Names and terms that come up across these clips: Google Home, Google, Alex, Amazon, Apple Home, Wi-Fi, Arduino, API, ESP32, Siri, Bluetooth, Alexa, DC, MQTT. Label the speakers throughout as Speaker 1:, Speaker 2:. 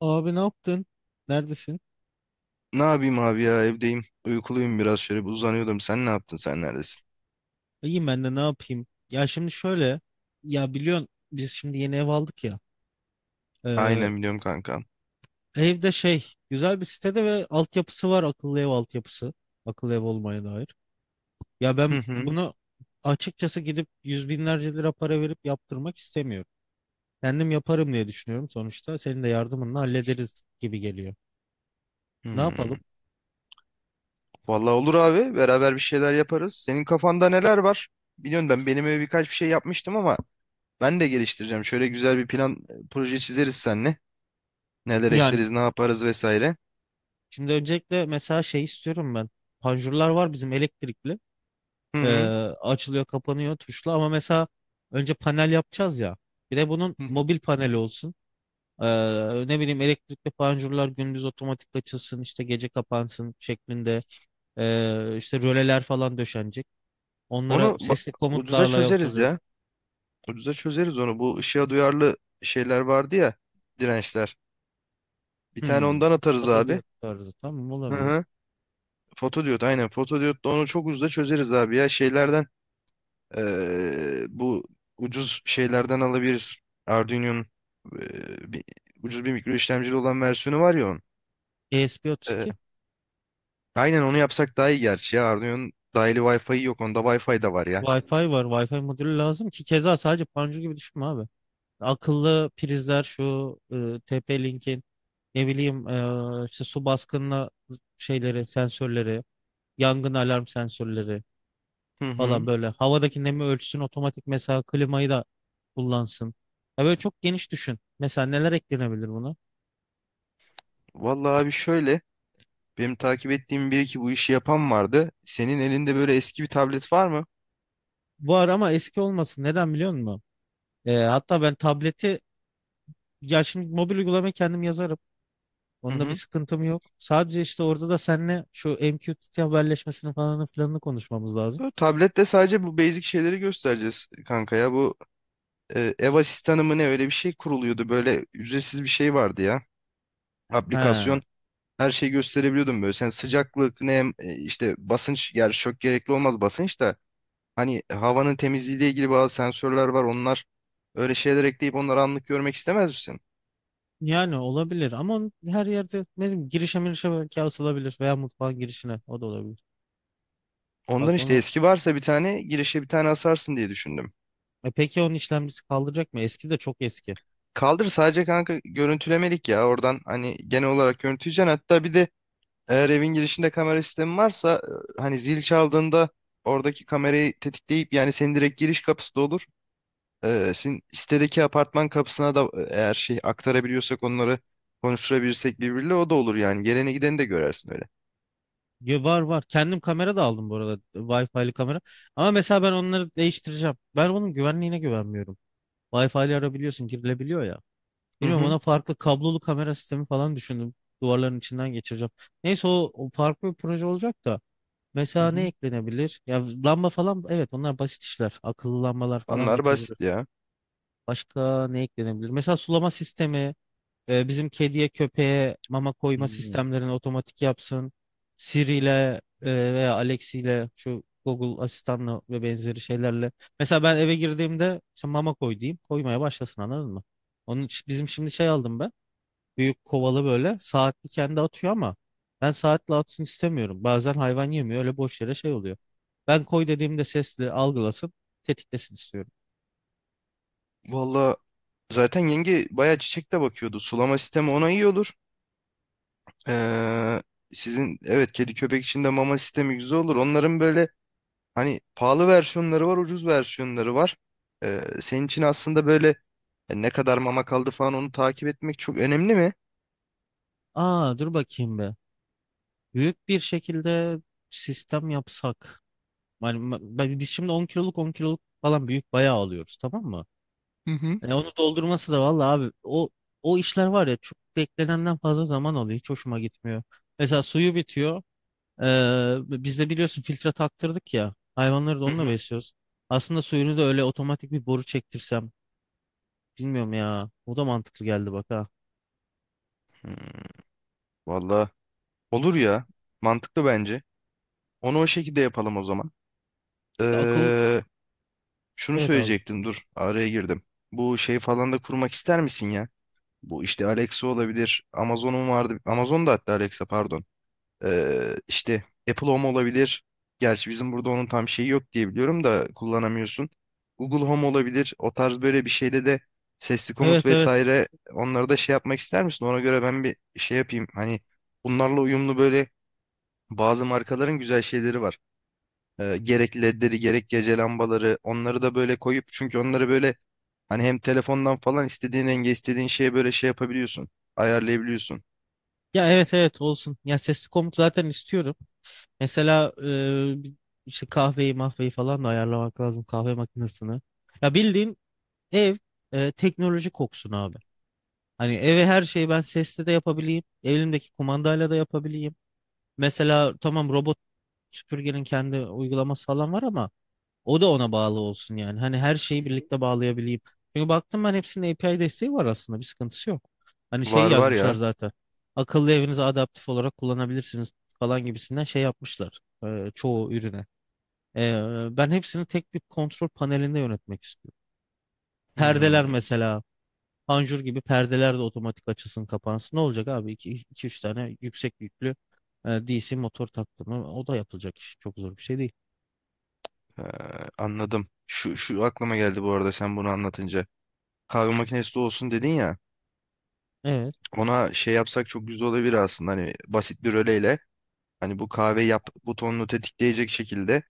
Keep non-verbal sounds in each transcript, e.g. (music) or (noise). Speaker 1: Abi ne yaptın? Neredesin?
Speaker 2: Ne yapayım abi ya evdeyim. Uykuluyum biraz şöyle bir uzanıyordum. Sen ne yaptın sen neredesin?
Speaker 1: İyiyim ben de ne yapayım? Ya şimdi şöyle. Ya biliyorsun biz şimdi yeni ev aldık ya. Ee,
Speaker 2: Aynen biliyorum kankam.
Speaker 1: evde güzel bir sitede ve altyapısı var, akıllı ev altyapısı. Akıllı ev olmaya dair. Ya
Speaker 2: Hı
Speaker 1: ben
Speaker 2: hı.
Speaker 1: bunu açıkçası gidip yüz binlerce lira para verip yaptırmak istemiyorum. Kendim yaparım diye düşünüyorum sonuçta. Senin de yardımınla hallederiz gibi geliyor. Ne
Speaker 2: Hmm.
Speaker 1: yapalım?
Speaker 2: Vallahi olur abi beraber bir şeyler yaparız. Senin kafanda neler var? Biliyorum ben benim eve birkaç bir şey yapmıştım ama ben de geliştireceğim. Şöyle güzel bir plan proje çizeriz seninle. Neler
Speaker 1: Yani
Speaker 2: ekleriz ne yaparız vesaire.
Speaker 1: şimdi öncelikle mesela şey istiyorum ben. Panjurlar var bizim elektrikli.
Speaker 2: Hı
Speaker 1: Ee,
Speaker 2: hı.
Speaker 1: açılıyor kapanıyor tuşla ama mesela önce panel yapacağız ya. Bir de bunun
Speaker 2: Hı hı.
Speaker 1: mobil paneli olsun. Ne bileyim elektrikli panjurlar gündüz otomatik açılsın işte gece kapansın şeklinde. İşte röleler falan döşenecek. Onlara
Speaker 2: Onu ba-
Speaker 1: sesli
Speaker 2: Ucuza
Speaker 1: komutlarla
Speaker 2: çözeriz
Speaker 1: yapılacak.
Speaker 2: ya. Ucuza çözeriz onu. Bu ışığa duyarlı şeyler vardı ya, dirençler. Bir tane
Speaker 1: Hmm.
Speaker 2: ondan atarız abi.
Speaker 1: Otodiyot tarzı, tamam,
Speaker 2: Hı
Speaker 1: olabilir.
Speaker 2: hı. Fotodiyot, aynen, fotodiyotla onu çok ucuza çözeriz abi ya. Şeylerden bu ucuz şeylerden alabiliriz. Arduino'nun eee, bir- ucuz bir mikro işlemcili olan versiyonu var ya onun. Eee,
Speaker 1: ESP32.
Speaker 2: aynen onu yapsak daha iyi gerçi ya, Arduino'nun dahili Wi-Fi'yi yok, onda Wi-Fi de var ya.
Speaker 1: Wi-Fi var. Wi-Fi modülü lazım ki keza sadece panjur gibi düşünme abi. Akıllı prizler şu TP-Link'in. Ne bileyim işte su baskınına şeyleri, sensörleri, yangın alarm sensörleri
Speaker 2: Hı hı.
Speaker 1: falan böyle. Havadaki nemi ölçsün, otomatik mesela klimayı da kullansın. Ya böyle çok geniş düşün. Mesela neler eklenebilir buna?
Speaker 2: Vallahi abi şöyle, benim takip ettiğim bir iki bu işi yapan vardı. Senin elinde böyle eski bir tablet var mı?
Speaker 1: Var ama eski olmasın. Neden biliyor musun? Hatta ben tableti, ya şimdi mobil uygulamayı kendim yazarım.
Speaker 2: Hı
Speaker 1: Onunla bir
Speaker 2: hı.
Speaker 1: sıkıntım yok. Sadece işte orada da seninle şu MQTT haberleşmesini falan filanını konuşmamız lazım.
Speaker 2: Bu tablette sadece bu basic şeyleri göstereceğiz kanka ya. Bu ev asistanı mı ne, öyle bir şey kuruluyordu. Böyle ücretsiz bir şey vardı ya. Aplikasyon.
Speaker 1: He.
Speaker 2: Her şeyi gösterebiliyordum böyle. Sen sıcaklık, nem, işte basınç. Yani çok gerekli olmaz basınç da. Hani havanın temizliğiyle ilgili bazı sensörler var. Onlar, öyle şeyler ekleyip onları anlık görmek istemez misin?
Speaker 1: Yani olabilir ama onu her yerde ne bileyim girişe mirişe belki asılabilir veya mutfağın girişine o da olabilir. Bak
Speaker 2: Ondan işte,
Speaker 1: onu,
Speaker 2: eski varsa bir tane girişe, bir tane asarsın diye düşündüm.
Speaker 1: e, peki onun işlemcisi kaldıracak mı? Eski de çok eski.
Speaker 2: Kaldır, sadece kanka görüntülemelik ya. Oradan hani genel olarak görüntüleyeceksin. Hatta bir de eğer evin girişinde kamera sistemi varsa, hani zil çaldığında oradaki kamerayı tetikleyip, yani senin direkt giriş kapısı da olur. Senin sitedeki apartman kapısına da, eğer şey aktarabiliyorsak onları, konuşturabilirsek birbiriyle, o da olur yani. Geleni gideni de görersin öyle.
Speaker 1: Ya var var. Kendim kamera da aldım bu arada. Wi-Fi'li kamera. Ama mesela ben onları değiştireceğim. Ben onun güvenliğine güvenmiyorum. Wi-Fi'li arabiliyorsun, girilebiliyor ya.
Speaker 2: Hı
Speaker 1: Bilmiyorum,
Speaker 2: hı.
Speaker 1: ona farklı kablolu kamera sistemi falan düşündüm. Duvarların içinden geçireceğim. Neyse o farklı bir proje olacak da.
Speaker 2: Hı
Speaker 1: Mesela ne
Speaker 2: hı.
Speaker 1: eklenebilir? Ya lamba falan, evet onlar basit işler. Akıllı lambalar falanla
Speaker 2: Onlar
Speaker 1: çözülür.
Speaker 2: basit ya.
Speaker 1: Başka ne eklenebilir? Mesela sulama sistemi, e, bizim kediye köpeğe mama koyma
Speaker 2: Hı.
Speaker 1: sistemlerini otomatik yapsın. Siri ile, e, veya Alex ile şu Google asistanla ve benzeri şeylerle. Mesela ben eve girdiğimde işte mama koy diyeyim. Koymaya başlasın, anladın mı? Onun için bizim şimdi şey aldım ben. Büyük kovalı böyle saatli kendi atıyor ama ben saatli atsın istemiyorum. Bazen hayvan yemiyor, öyle boş yere şey oluyor. Ben koy dediğimde sesli algılasın, tetiklesin istiyorum.
Speaker 2: Valla zaten yenge bayağı çiçek de bakıyordu. Sulama sistemi ona iyi olur. Ee, sizin evet kedi köpek için de mama sistemi güzel olur. Onların böyle hani pahalı versiyonları var, ucuz versiyonları var. Senin için aslında böyle, ne kadar mama kaldı falan, onu takip etmek çok önemli mi?
Speaker 1: Aa dur bakayım be. Büyük bir şekilde sistem yapsak. Yani biz şimdi 10 kiloluk 10 kiloluk falan büyük bayağı alıyoruz, tamam mı?
Speaker 2: Hı hı.
Speaker 1: Yani onu doldurması da vallahi abi, o işler var ya, çok beklenenden fazla zaman alıyor. Hiç hoşuma gitmiyor. Mesela suyu bitiyor. Biz de biliyorsun filtre taktırdık ya. Hayvanları da
Speaker 2: Hı
Speaker 1: onunla
Speaker 2: hı.
Speaker 1: besliyoruz. Aslında suyunu da öyle otomatik bir boru çektirsem. Bilmiyorum ya. O da mantıklı geldi bak ha.
Speaker 2: Hmm. Valla olur ya. Mantıklı bence. Onu o şekilde yapalım o zaman.
Speaker 1: İşte akıl.
Speaker 2: Ee, şunu
Speaker 1: Evet abi.
Speaker 2: söyleyecektim, dur araya girdim. Bu şey falan da kurmak ister misin ya? Bu işte Alexa olabilir. Amazon'un vardı. Amazon'da hatta, Alexa pardon. İşte Apple Home olabilir. Gerçi bizim burada onun tam şeyi yok diye biliyorum, da kullanamıyorsun. Google Home olabilir. O tarz böyle bir şeyde de sesli komut
Speaker 1: Evet evet.
Speaker 2: vesaire, onları da şey yapmak ister misin? Ona göre ben bir şey yapayım. Hani bunlarla uyumlu böyle bazı markaların güzel şeyleri var. Gerek ledleri gerek gece lambaları, onları da böyle koyup, çünkü onları böyle hani hem telefondan falan istediğin renge istediğin şeye böyle şey yapabiliyorsun. Ayarlayabiliyorsun.
Speaker 1: Ya evet evet olsun. Ya sesli komut zaten istiyorum. Mesela, e, işte kahveyi mahveyi falan da ayarlamak lazım, kahve makinesini. Ya bildiğin ev, e, teknoloji koksun abi. Hani eve her şeyi ben sesli de yapabileyim. Elimdeki kumandayla da yapabileyim. Mesela tamam, robot süpürgenin kendi uygulaması falan var ama o da ona bağlı olsun yani. Hani her şeyi birlikte bağlayabileyim. Çünkü baktım ben hepsinin API desteği var aslında. Bir sıkıntısı yok. Hani şey
Speaker 2: Var var
Speaker 1: yazmışlar
Speaker 2: ya.
Speaker 1: zaten. Akıllı evinizi adaptif olarak kullanabilirsiniz falan gibisinden şey yapmışlar, çoğu ürüne. E, ben hepsini tek bir kontrol panelinde yönetmek istiyorum.
Speaker 2: Hmm.
Speaker 1: Perdeler mesela. Panjur gibi perdeler de otomatik açılsın kapansın. Ne olacak abi? İki üç tane yüksek yüklü, e, DC motor taktım. O da yapılacak iş. Çok zor bir şey değil.
Speaker 2: Ee, anladım. Şu aklıma geldi bu arada sen bunu anlatınca. Kahve makinesi de olsun dedin ya.
Speaker 1: Evet.
Speaker 2: Ona şey yapsak çok güzel olabilir aslında. Hani basit bir röleyle. Hani bu kahve yap butonunu tetikleyecek şekilde.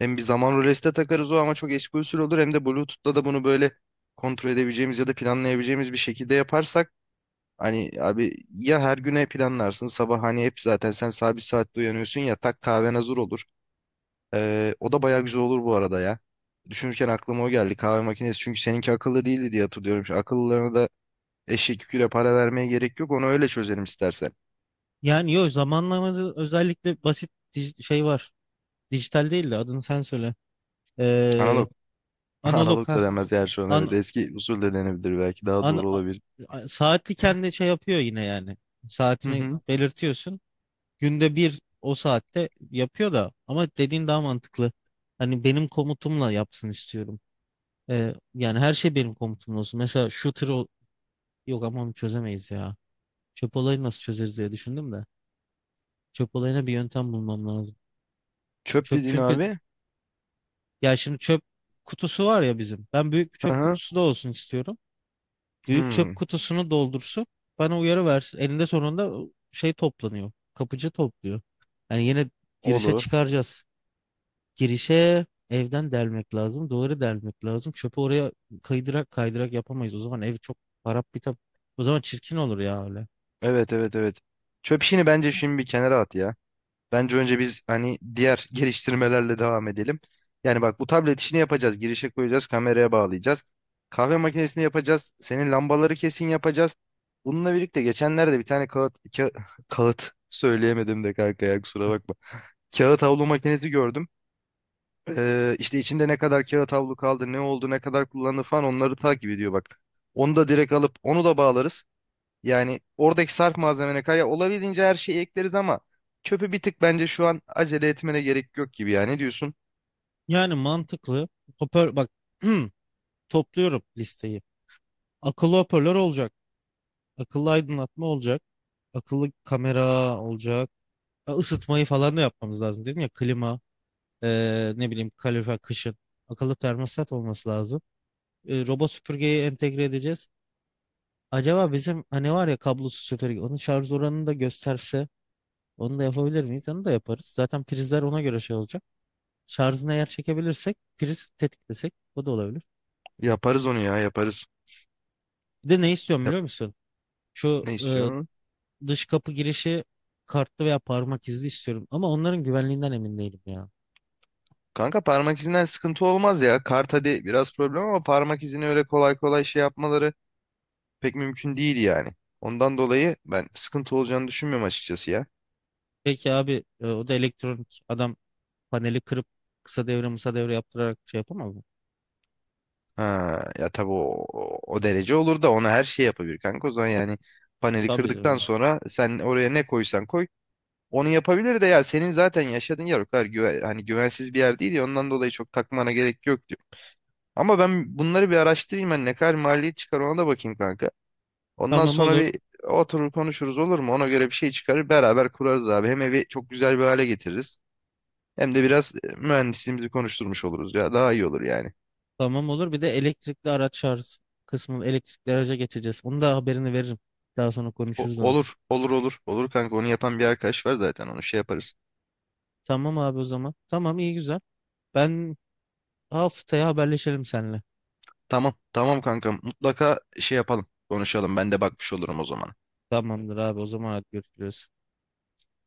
Speaker 2: Hem bir zaman rölesi de takarız o, ama çok eski usul olur. Hem de Bluetooth'ta da bunu böyle kontrol edebileceğimiz ya da planlayabileceğimiz bir şekilde yaparsak. Hani abi ya her güne planlarsın. Sabah hani hep zaten sen sabit saatte uyanıyorsun ya, tak kahven hazır olur. O da bayağı güzel olur bu arada ya. Düşünürken aklıma o geldi, kahve makinesi. Çünkü seninki akıllı değildi diye hatırlıyorum. Şu akıllılarına da eşek yüküyle para vermeye gerek yok. Onu öyle çözelim istersen.
Speaker 1: Yani yok, zamanlamada özellikle basit şey var. Dijital değil de adını sen söyle. Ee,
Speaker 2: Analog. (laughs)
Speaker 1: analog
Speaker 2: Analog
Speaker 1: ha.
Speaker 2: da denmez yani şu an, evet.
Speaker 1: An,
Speaker 2: Eski usul de denebilir belki. Daha
Speaker 1: an,
Speaker 2: doğru
Speaker 1: a-
Speaker 2: olabilir.
Speaker 1: saatli kendi şey yapıyor yine yani.
Speaker 2: Hı
Speaker 1: Saatini
Speaker 2: hı.
Speaker 1: belirtiyorsun. Günde bir o saatte yapıyor da, ama dediğin daha mantıklı. Hani benim komutumla yapsın istiyorum. Yani her şey benim komutumla olsun. Yok ama onu çözemeyiz ya. Çöp olayı nasıl çözeriz diye düşündüm de. Çöp olayına bir yöntem bulmam lazım.
Speaker 2: Çöp
Speaker 1: Çöp
Speaker 2: dedin
Speaker 1: çünkü,
Speaker 2: abi.
Speaker 1: ya şimdi çöp kutusu var ya bizim. Ben büyük bir
Speaker 2: Hı
Speaker 1: çöp
Speaker 2: hı.
Speaker 1: kutusu da olsun istiyorum. Büyük çöp
Speaker 2: Hmm.
Speaker 1: kutusunu doldursun. Bana uyarı versin. Elinde sonunda şey toplanıyor. Kapıcı topluyor. Yani yine girişe
Speaker 2: Olur.
Speaker 1: çıkaracağız. Kirişe evden delmek lazım. Duvarı delmek lazım. Çöpü oraya kaydırak kaydırak yapamayız. O zaman ev çok harap bitap. O zaman çirkin olur ya öyle.
Speaker 2: Evet evet evet. Çöp işini bence şimdi bir kenara at ya. Bence önce biz hani diğer (laughs) geliştirmelerle devam edelim. Yani bak, bu tablet işini yapacağız. Girişe koyacağız, kameraya bağlayacağız. Kahve makinesini yapacağız. Senin lambaları kesin yapacağız. Bununla birlikte geçenlerde bir tane (laughs) kağıt söyleyemedim de kanka ya, kusura bakma. Kağıt havlu makinesi gördüm. İşte içinde ne kadar kağıt havlu kaldı, ne oldu, ne kadar kullandı falan, onları takip ediyor bak. Onu da direkt alıp onu da bağlarız. Yani oradaki sarf malzemene kaya olabildiğince her şeyi ekleriz, ama çöpü bir tık bence şu an acele etmene gerek yok gibi ya. Ne diyorsun?
Speaker 1: Yani mantıklı. Hoparlör bak, (clears throat) topluyorum listeyi. Akıllı hoparlör olacak. Akıllı aydınlatma olacak. Akıllı kamera olacak. Ha, Isıtmayı falan da yapmamız lazım dedim ya, klima, ne bileyim kalorifer kışın. Akıllı termostat olması lazım. E, robot süpürgeyi entegre edeceğiz. Acaba bizim hani var ya kablosuz süpürge, onun şarj oranını da gösterse onu da yapabilir miyiz? Onu da yaparız. Zaten prizler ona göre şey olacak. Şarjını eğer çekebilirsek priz tetiklesek o da olabilir.
Speaker 2: Yaparız onu ya, yaparız.
Speaker 1: Bir de ne istiyorum biliyor
Speaker 2: Yap-
Speaker 1: musun? Şu,
Speaker 2: Ne
Speaker 1: e,
Speaker 2: istiyor?
Speaker 1: dış kapı girişi kartlı veya parmak izli istiyorum. Ama onların güvenliğinden emin değilim ya.
Speaker 2: Kanka parmak izinden sıkıntı olmaz ya. Kart hadi biraz problem, ama parmak izini öyle kolay kolay şey yapmaları pek mümkün değil yani. Ondan dolayı ben sıkıntı olacağını düşünmüyorum açıkçası ya.
Speaker 1: Peki abi, e, o da elektronik adam paneli kırıp kısa devre mısa devre yaptırarak şey yapamaz mı?
Speaker 2: Ha, ya tabii, o derece olur da, ona her şey yapabilir kanka. O zaman yani paneli
Speaker 1: Tabii.
Speaker 2: kırdıktan
Speaker 1: E,
Speaker 2: sonra sen oraya ne koysan koy. Onu yapabilir de ya, senin zaten yaşadığın yer o kadar güven, hani güvensiz bir yer değil ya, ondan dolayı çok takmana gerek yok diyor. Ama ben bunları bir araştırayım, ben ne kadar maliyet çıkar ona da bakayım kanka. Ondan
Speaker 1: tamam
Speaker 2: sonra
Speaker 1: olur.
Speaker 2: bir oturur konuşuruz, olur mu? Ona göre bir şey çıkarır beraber kurarız abi. Hem evi çok güzel bir hale getiririz. Hem de biraz mühendisliğimizi konuşturmuş oluruz ya, daha iyi olur yani.
Speaker 1: Tamam olur. Bir de elektrikli araç şarj kısmını, elektrikli araca geçeceğiz. Onu da haberini veririm. Daha sonra konuşuruz onu.
Speaker 2: Olur olur olur olur kanka, onu yapan bir arkadaş var zaten, onu şey yaparız.
Speaker 1: Tamam abi o zaman. Tamam, iyi güzel. Ben haftaya haberleşelim seninle.
Speaker 2: Tamam tamam kanka, mutlaka şey yapalım konuşalım, ben de bakmış olurum o zaman.
Speaker 1: Tamamdır abi o zaman, hadi görüşürüz.